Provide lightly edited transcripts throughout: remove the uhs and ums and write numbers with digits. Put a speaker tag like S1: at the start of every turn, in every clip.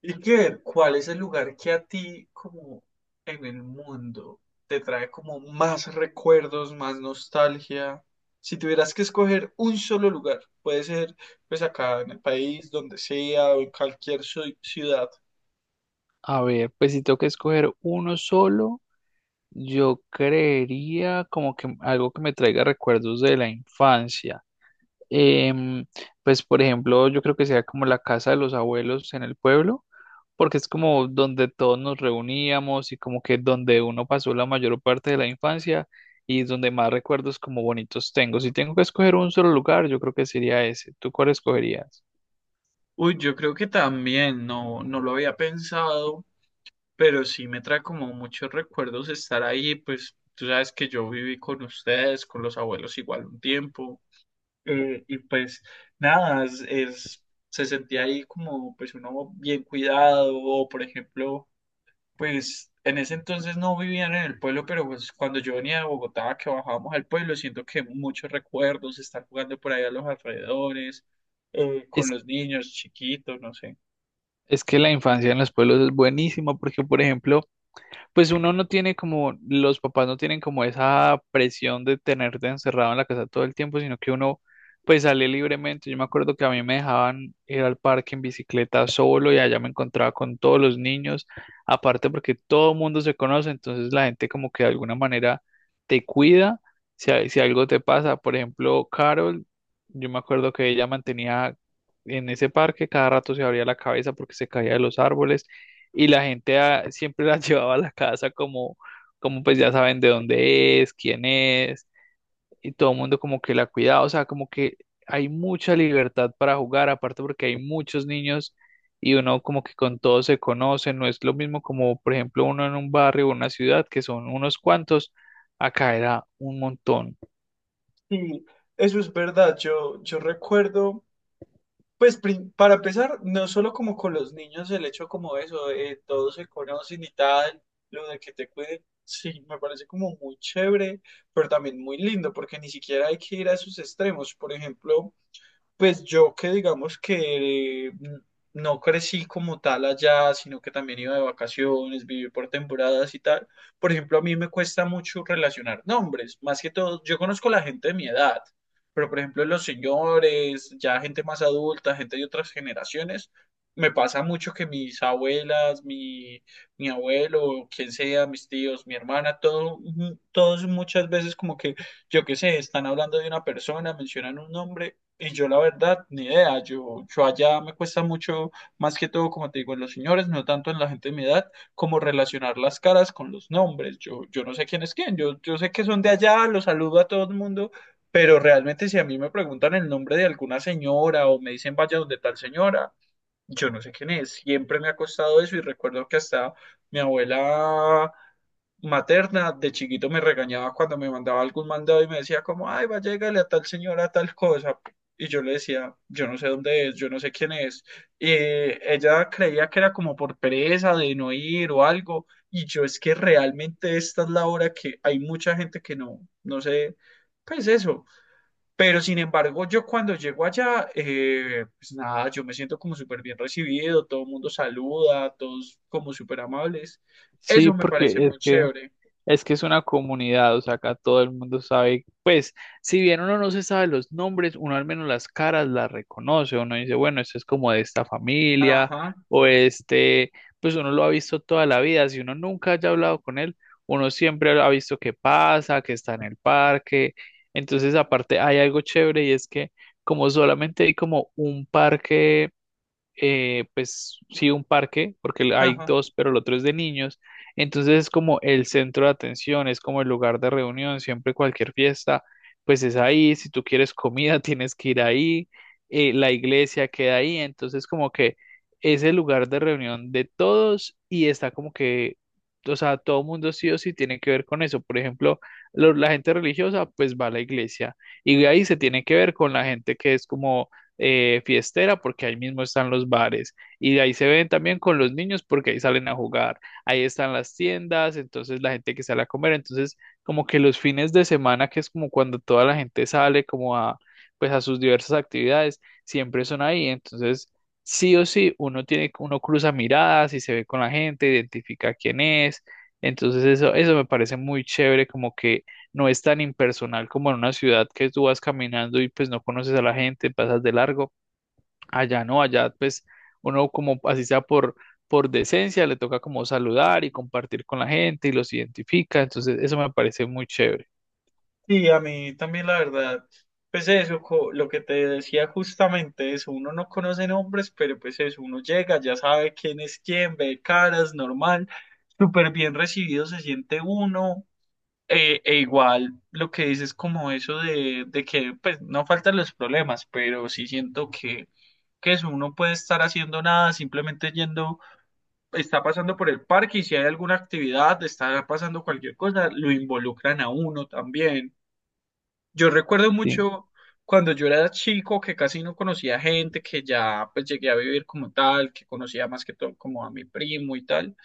S1: Y que ver cuál es el lugar que a ti, como en el mundo, te trae como más recuerdos, más nostalgia. Si tuvieras que escoger un solo lugar, puede ser pues acá en el país, donde sea, o en cualquier ciudad.
S2: A ver, pues si tengo que escoger uno solo, yo creería como que algo que me traiga recuerdos de la infancia. Em, pues por ejemplo, yo creo que sea como la casa de los abuelos en el pueblo, porque es como donde todos nos reuníamos y como que donde uno pasó la mayor parte de la infancia y donde más recuerdos como bonitos tengo. Si tengo que escoger un solo lugar, yo creo que sería ese. ¿Tú cuál escogerías?
S1: Uy, yo creo que también, no, no lo había pensado, pero sí me trae como muchos recuerdos estar ahí, pues tú sabes que yo viví con ustedes, con los abuelos igual un tiempo. Y pues nada, se sentía ahí como pues uno bien cuidado, o por ejemplo, pues en ese entonces no vivían en el pueblo, pero pues cuando yo venía de Bogotá, que bajábamos al pueblo, siento que muchos recuerdos, estar jugando por ahí a los alrededores, con
S2: Es,
S1: los niños chiquitos, no sé.
S2: es que la infancia en los pueblos es buenísima porque, por ejemplo, pues uno no tiene como, los papás no tienen como esa presión de tenerte encerrado en la casa todo el tiempo, sino que uno pues sale libremente. Yo me acuerdo que a mí me dejaban ir al parque en bicicleta solo y allá me encontraba con todos los niños, aparte porque todo el mundo se conoce, entonces la gente como que de alguna manera te cuida si algo te pasa. Por ejemplo, Carol, yo me acuerdo que ella mantenía en ese parque, cada rato se abría la cabeza porque se caía de los árboles y la gente siempre las llevaba a la casa como, como pues ya saben de dónde es, quién es, y todo el mundo como que la cuidaba, o sea, como que hay mucha libertad para jugar, aparte porque hay muchos niños y uno como que con todos se conoce, no es lo mismo como por ejemplo uno en un barrio o una ciudad que son unos cuantos, acá era un montón.
S1: Sí, eso es verdad, yo recuerdo. Pues para empezar, no solo como con los niños el hecho como eso, todos se conocen y tal, lo de que te cuiden, sí, me parece como muy chévere, pero también muy lindo, porque ni siquiera hay que ir a esos extremos. Por ejemplo, pues yo que digamos que no crecí como tal allá, sino que también iba de vacaciones, viví por temporadas y tal. Por ejemplo, a mí me cuesta mucho relacionar nombres, más que todo, yo conozco la gente de mi edad, pero por ejemplo los señores, ya gente más adulta, gente de otras generaciones, me pasa mucho que mis abuelas, mi abuelo, quien sea, mis tíos, mi hermana, todo, todos muchas veces como que, yo qué sé, están hablando de una persona, mencionan un nombre. Y yo la verdad, ni idea, yo allá me cuesta mucho, más que todo, como te digo, en los señores, no tanto en la gente de mi edad, como relacionar las caras con los nombres. Yo no sé quién es quién, yo sé que son de allá, los saludo a todo el mundo, pero realmente si a mí me preguntan el nombre de alguna señora o me dicen vaya donde tal señora, yo no sé quién es. Siempre me ha costado eso y recuerdo que hasta mi abuela materna de chiquito me regañaba cuando me mandaba algún mandado y me decía como, ay, va, llégale a tal señora, a tal cosa. Y yo le decía, yo no sé dónde es, yo no sé quién es. Y ella creía que era como por pereza de no ir o algo. Y yo es que realmente esta es la hora que hay mucha gente que no, no sé, pues eso. Pero sin embargo, yo cuando llego allá, pues nada, yo me siento como súper bien recibido, todo el mundo saluda, todos como súper amables. Eso
S2: Sí,
S1: me parece
S2: porque es
S1: muy
S2: que…
S1: chévere.
S2: Es que es una comunidad, o sea, acá todo el mundo sabe, pues, si bien uno no se sabe los nombres, uno al menos las caras las reconoce, uno dice, bueno, esto es como de esta familia,
S1: Ajá,
S2: o este, pues uno lo ha visto toda la vida, si uno nunca haya hablado con él, uno siempre ha visto qué pasa, que está en el parque, entonces aparte hay algo chévere y es que como solamente hay como un parque, pues sí, un parque, porque hay
S1: ajá.
S2: dos, pero el otro es de niños. Entonces es como el centro de atención, es como el lugar de reunión, siempre cualquier fiesta, pues es ahí, si tú quieres comida, tienes que ir ahí, la iglesia queda ahí, entonces como que es el lugar de reunión de todos y está como que, o sea, todo mundo sí o sí tiene que ver con eso. Por ejemplo, la gente religiosa pues va a la iglesia y de ahí se tiene que ver con la gente que es como, fiestera porque ahí mismo están los bares y de ahí se ven también con los niños porque ahí salen a jugar, ahí están las tiendas, entonces la gente que sale a comer, entonces como que los fines de semana que es como cuando toda la gente sale como a, pues a sus diversas actividades, siempre son ahí, entonces sí o sí uno tiene uno cruza miradas y se ve con la gente, identifica quién es, entonces eso me parece muy chévere como que no es tan impersonal como en una ciudad que tú vas caminando y pues no conoces a la gente, pasas de largo. Allá no, allá pues uno como así sea por decencia, le toca como saludar y compartir con la gente y los identifica. Entonces eso me parece muy chévere.
S1: Sí, a mí también la verdad, pues eso, lo que te decía justamente es, uno no conoce nombres, pero pues eso, uno llega, ya sabe quién es quién, ve caras, normal, súper bien recibido se siente uno, e igual lo que dices como eso de que pues no faltan los problemas, pero sí siento que eso, uno puede estar haciendo nada, simplemente yendo está pasando por el parque y si hay alguna actividad, está pasando cualquier cosa, lo involucran a uno también. Yo recuerdo
S2: Sí.
S1: mucho cuando yo era chico que casi no conocía gente, que ya pues llegué a vivir como tal, que conocía más que todo como a mi primo y tal,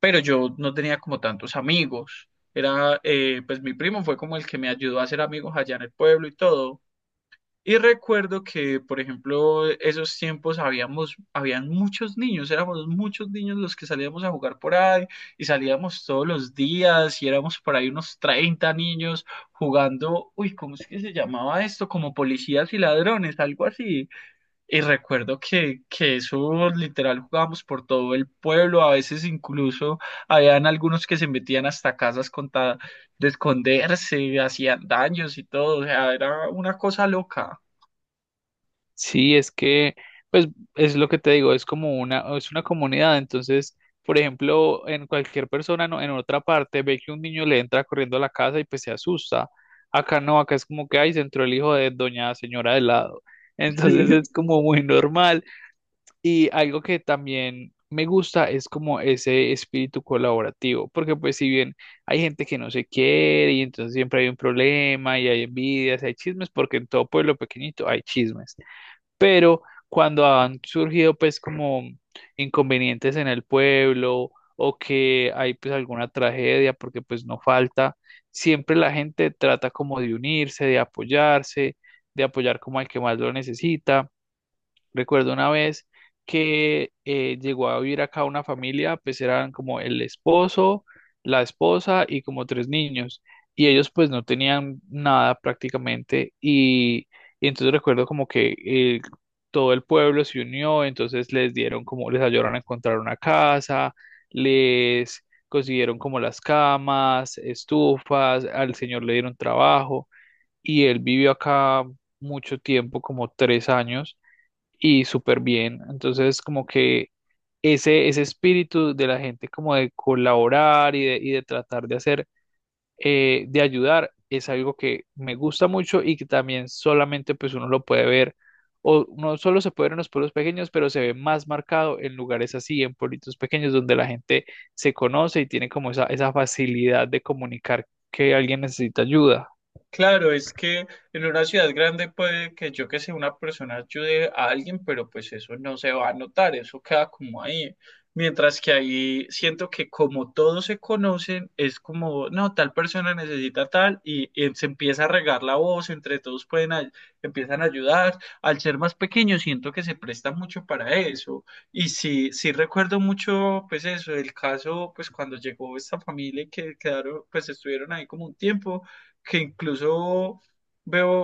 S1: pero yo no tenía como tantos amigos. Era, pues mi primo fue como el que me ayudó a hacer amigos allá en el pueblo y todo. Y recuerdo que, por ejemplo, esos tiempos habían muchos niños, éramos muchos niños los que salíamos a jugar por ahí y salíamos todos los días y éramos por ahí unos 30 niños jugando, uy, ¿cómo es que se llamaba esto? Como policías y ladrones, algo así. Y recuerdo que eso literal jugábamos por todo el pueblo, a veces incluso habían algunos que se metían hasta casas con tal de esconderse, hacían daños y todo, o sea, era una cosa loca.
S2: Sí, es que, pues, es lo que te digo, es como una, es una comunidad. Entonces, por ejemplo, en cualquier persona, no, en otra parte, ve que un niño le entra corriendo a la casa y pues se asusta. Acá no, acá es como que, ay, se entró el hijo de doña señora de lado. Entonces
S1: Sí,
S2: es como muy normal. Y algo que también me gusta es como ese espíritu colaborativo, porque pues si bien hay gente que no se quiere y entonces siempre hay un problema y hay envidias, hay chismes, porque en todo pueblo pequeñito hay chismes, pero cuando han surgido pues como inconvenientes en el pueblo o que hay pues alguna tragedia, porque pues no falta, siempre la gente trata como de unirse, de apoyarse, de apoyar como al que más lo necesita. Recuerdo una vez que, llegó a vivir acá una familia, pues eran como el esposo, la esposa y como tres niños. Y ellos pues no tenían nada prácticamente. Y entonces recuerdo como que, todo el pueblo se unió, entonces les dieron como, les ayudaron a encontrar una casa, les consiguieron como las camas, estufas, al señor le dieron trabajo. Y él vivió acá mucho tiempo, como 3 años y súper bien. Entonces, como que ese espíritu de la gente como de colaborar y de tratar de hacer, de ayudar es algo que me gusta mucho y que también solamente pues uno lo puede ver, o no solo se puede ver en los pueblos pequeños, pero se ve más marcado en lugares así, en pueblitos pequeños donde la gente se conoce y tiene como esa, facilidad de comunicar que alguien necesita ayuda.
S1: claro, es que en una ciudad grande puede que yo que sé, una persona ayude a alguien, pero pues eso no se va a notar, eso queda como ahí. Mientras que ahí siento que como todos se conocen, es como, no, tal persona necesita tal y se empieza a regar la voz, entre todos pueden, ay- empiezan a ayudar. Al ser más pequeño, siento que se presta mucho para eso. Y sí, sí recuerdo mucho, pues eso, el caso, pues cuando llegó esta familia y que quedaron, pues estuvieron ahí como un tiempo. Que incluso veo,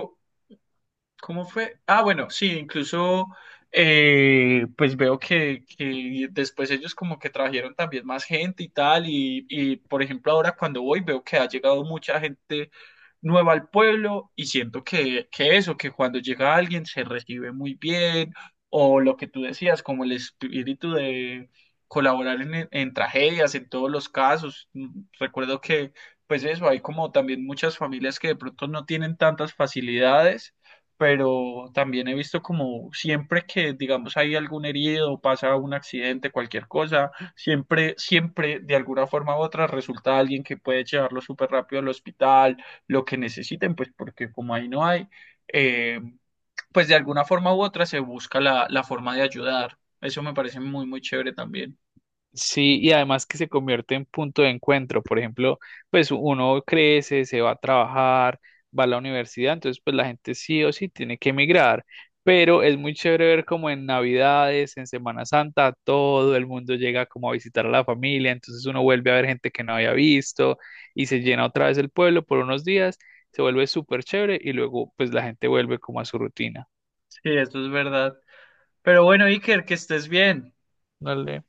S1: ¿cómo fue? Ah, bueno, sí, incluso pues veo que después ellos como que trajeron también más gente y tal, y por ejemplo ahora cuando voy veo que ha llegado mucha gente nueva al pueblo y siento que eso, que cuando llega alguien se recibe muy bien, o lo que tú decías, como el espíritu de colaborar en tragedias, en todos los casos. Mm, recuerdo que pues eso, hay como también muchas familias que de pronto no tienen tantas facilidades pero también he visto como siempre que, digamos, hay algún herido, pasa un accidente, cualquier cosa, siempre, siempre, de alguna forma u otra, resulta alguien que puede llevarlo súper rápido al hospital, lo que necesiten, pues porque como ahí no hay, eh, pues de alguna forma u otra se busca la forma de ayudar. Eso me parece muy, muy chévere también.
S2: Sí, y además que se convierte en punto de encuentro. Por ejemplo, pues uno crece, se va a trabajar, va a la universidad, entonces pues la gente sí o sí tiene que emigrar. Pero es muy chévere ver como en Navidades, en Semana Santa, todo el mundo llega como a visitar a la familia, entonces uno vuelve a ver gente que no había visto y se llena otra vez el pueblo por unos días, se vuelve súper chévere y luego pues la gente vuelve como a su rutina.
S1: Sí, eso es verdad. Pero bueno, Iker, que estés bien.
S2: Dale.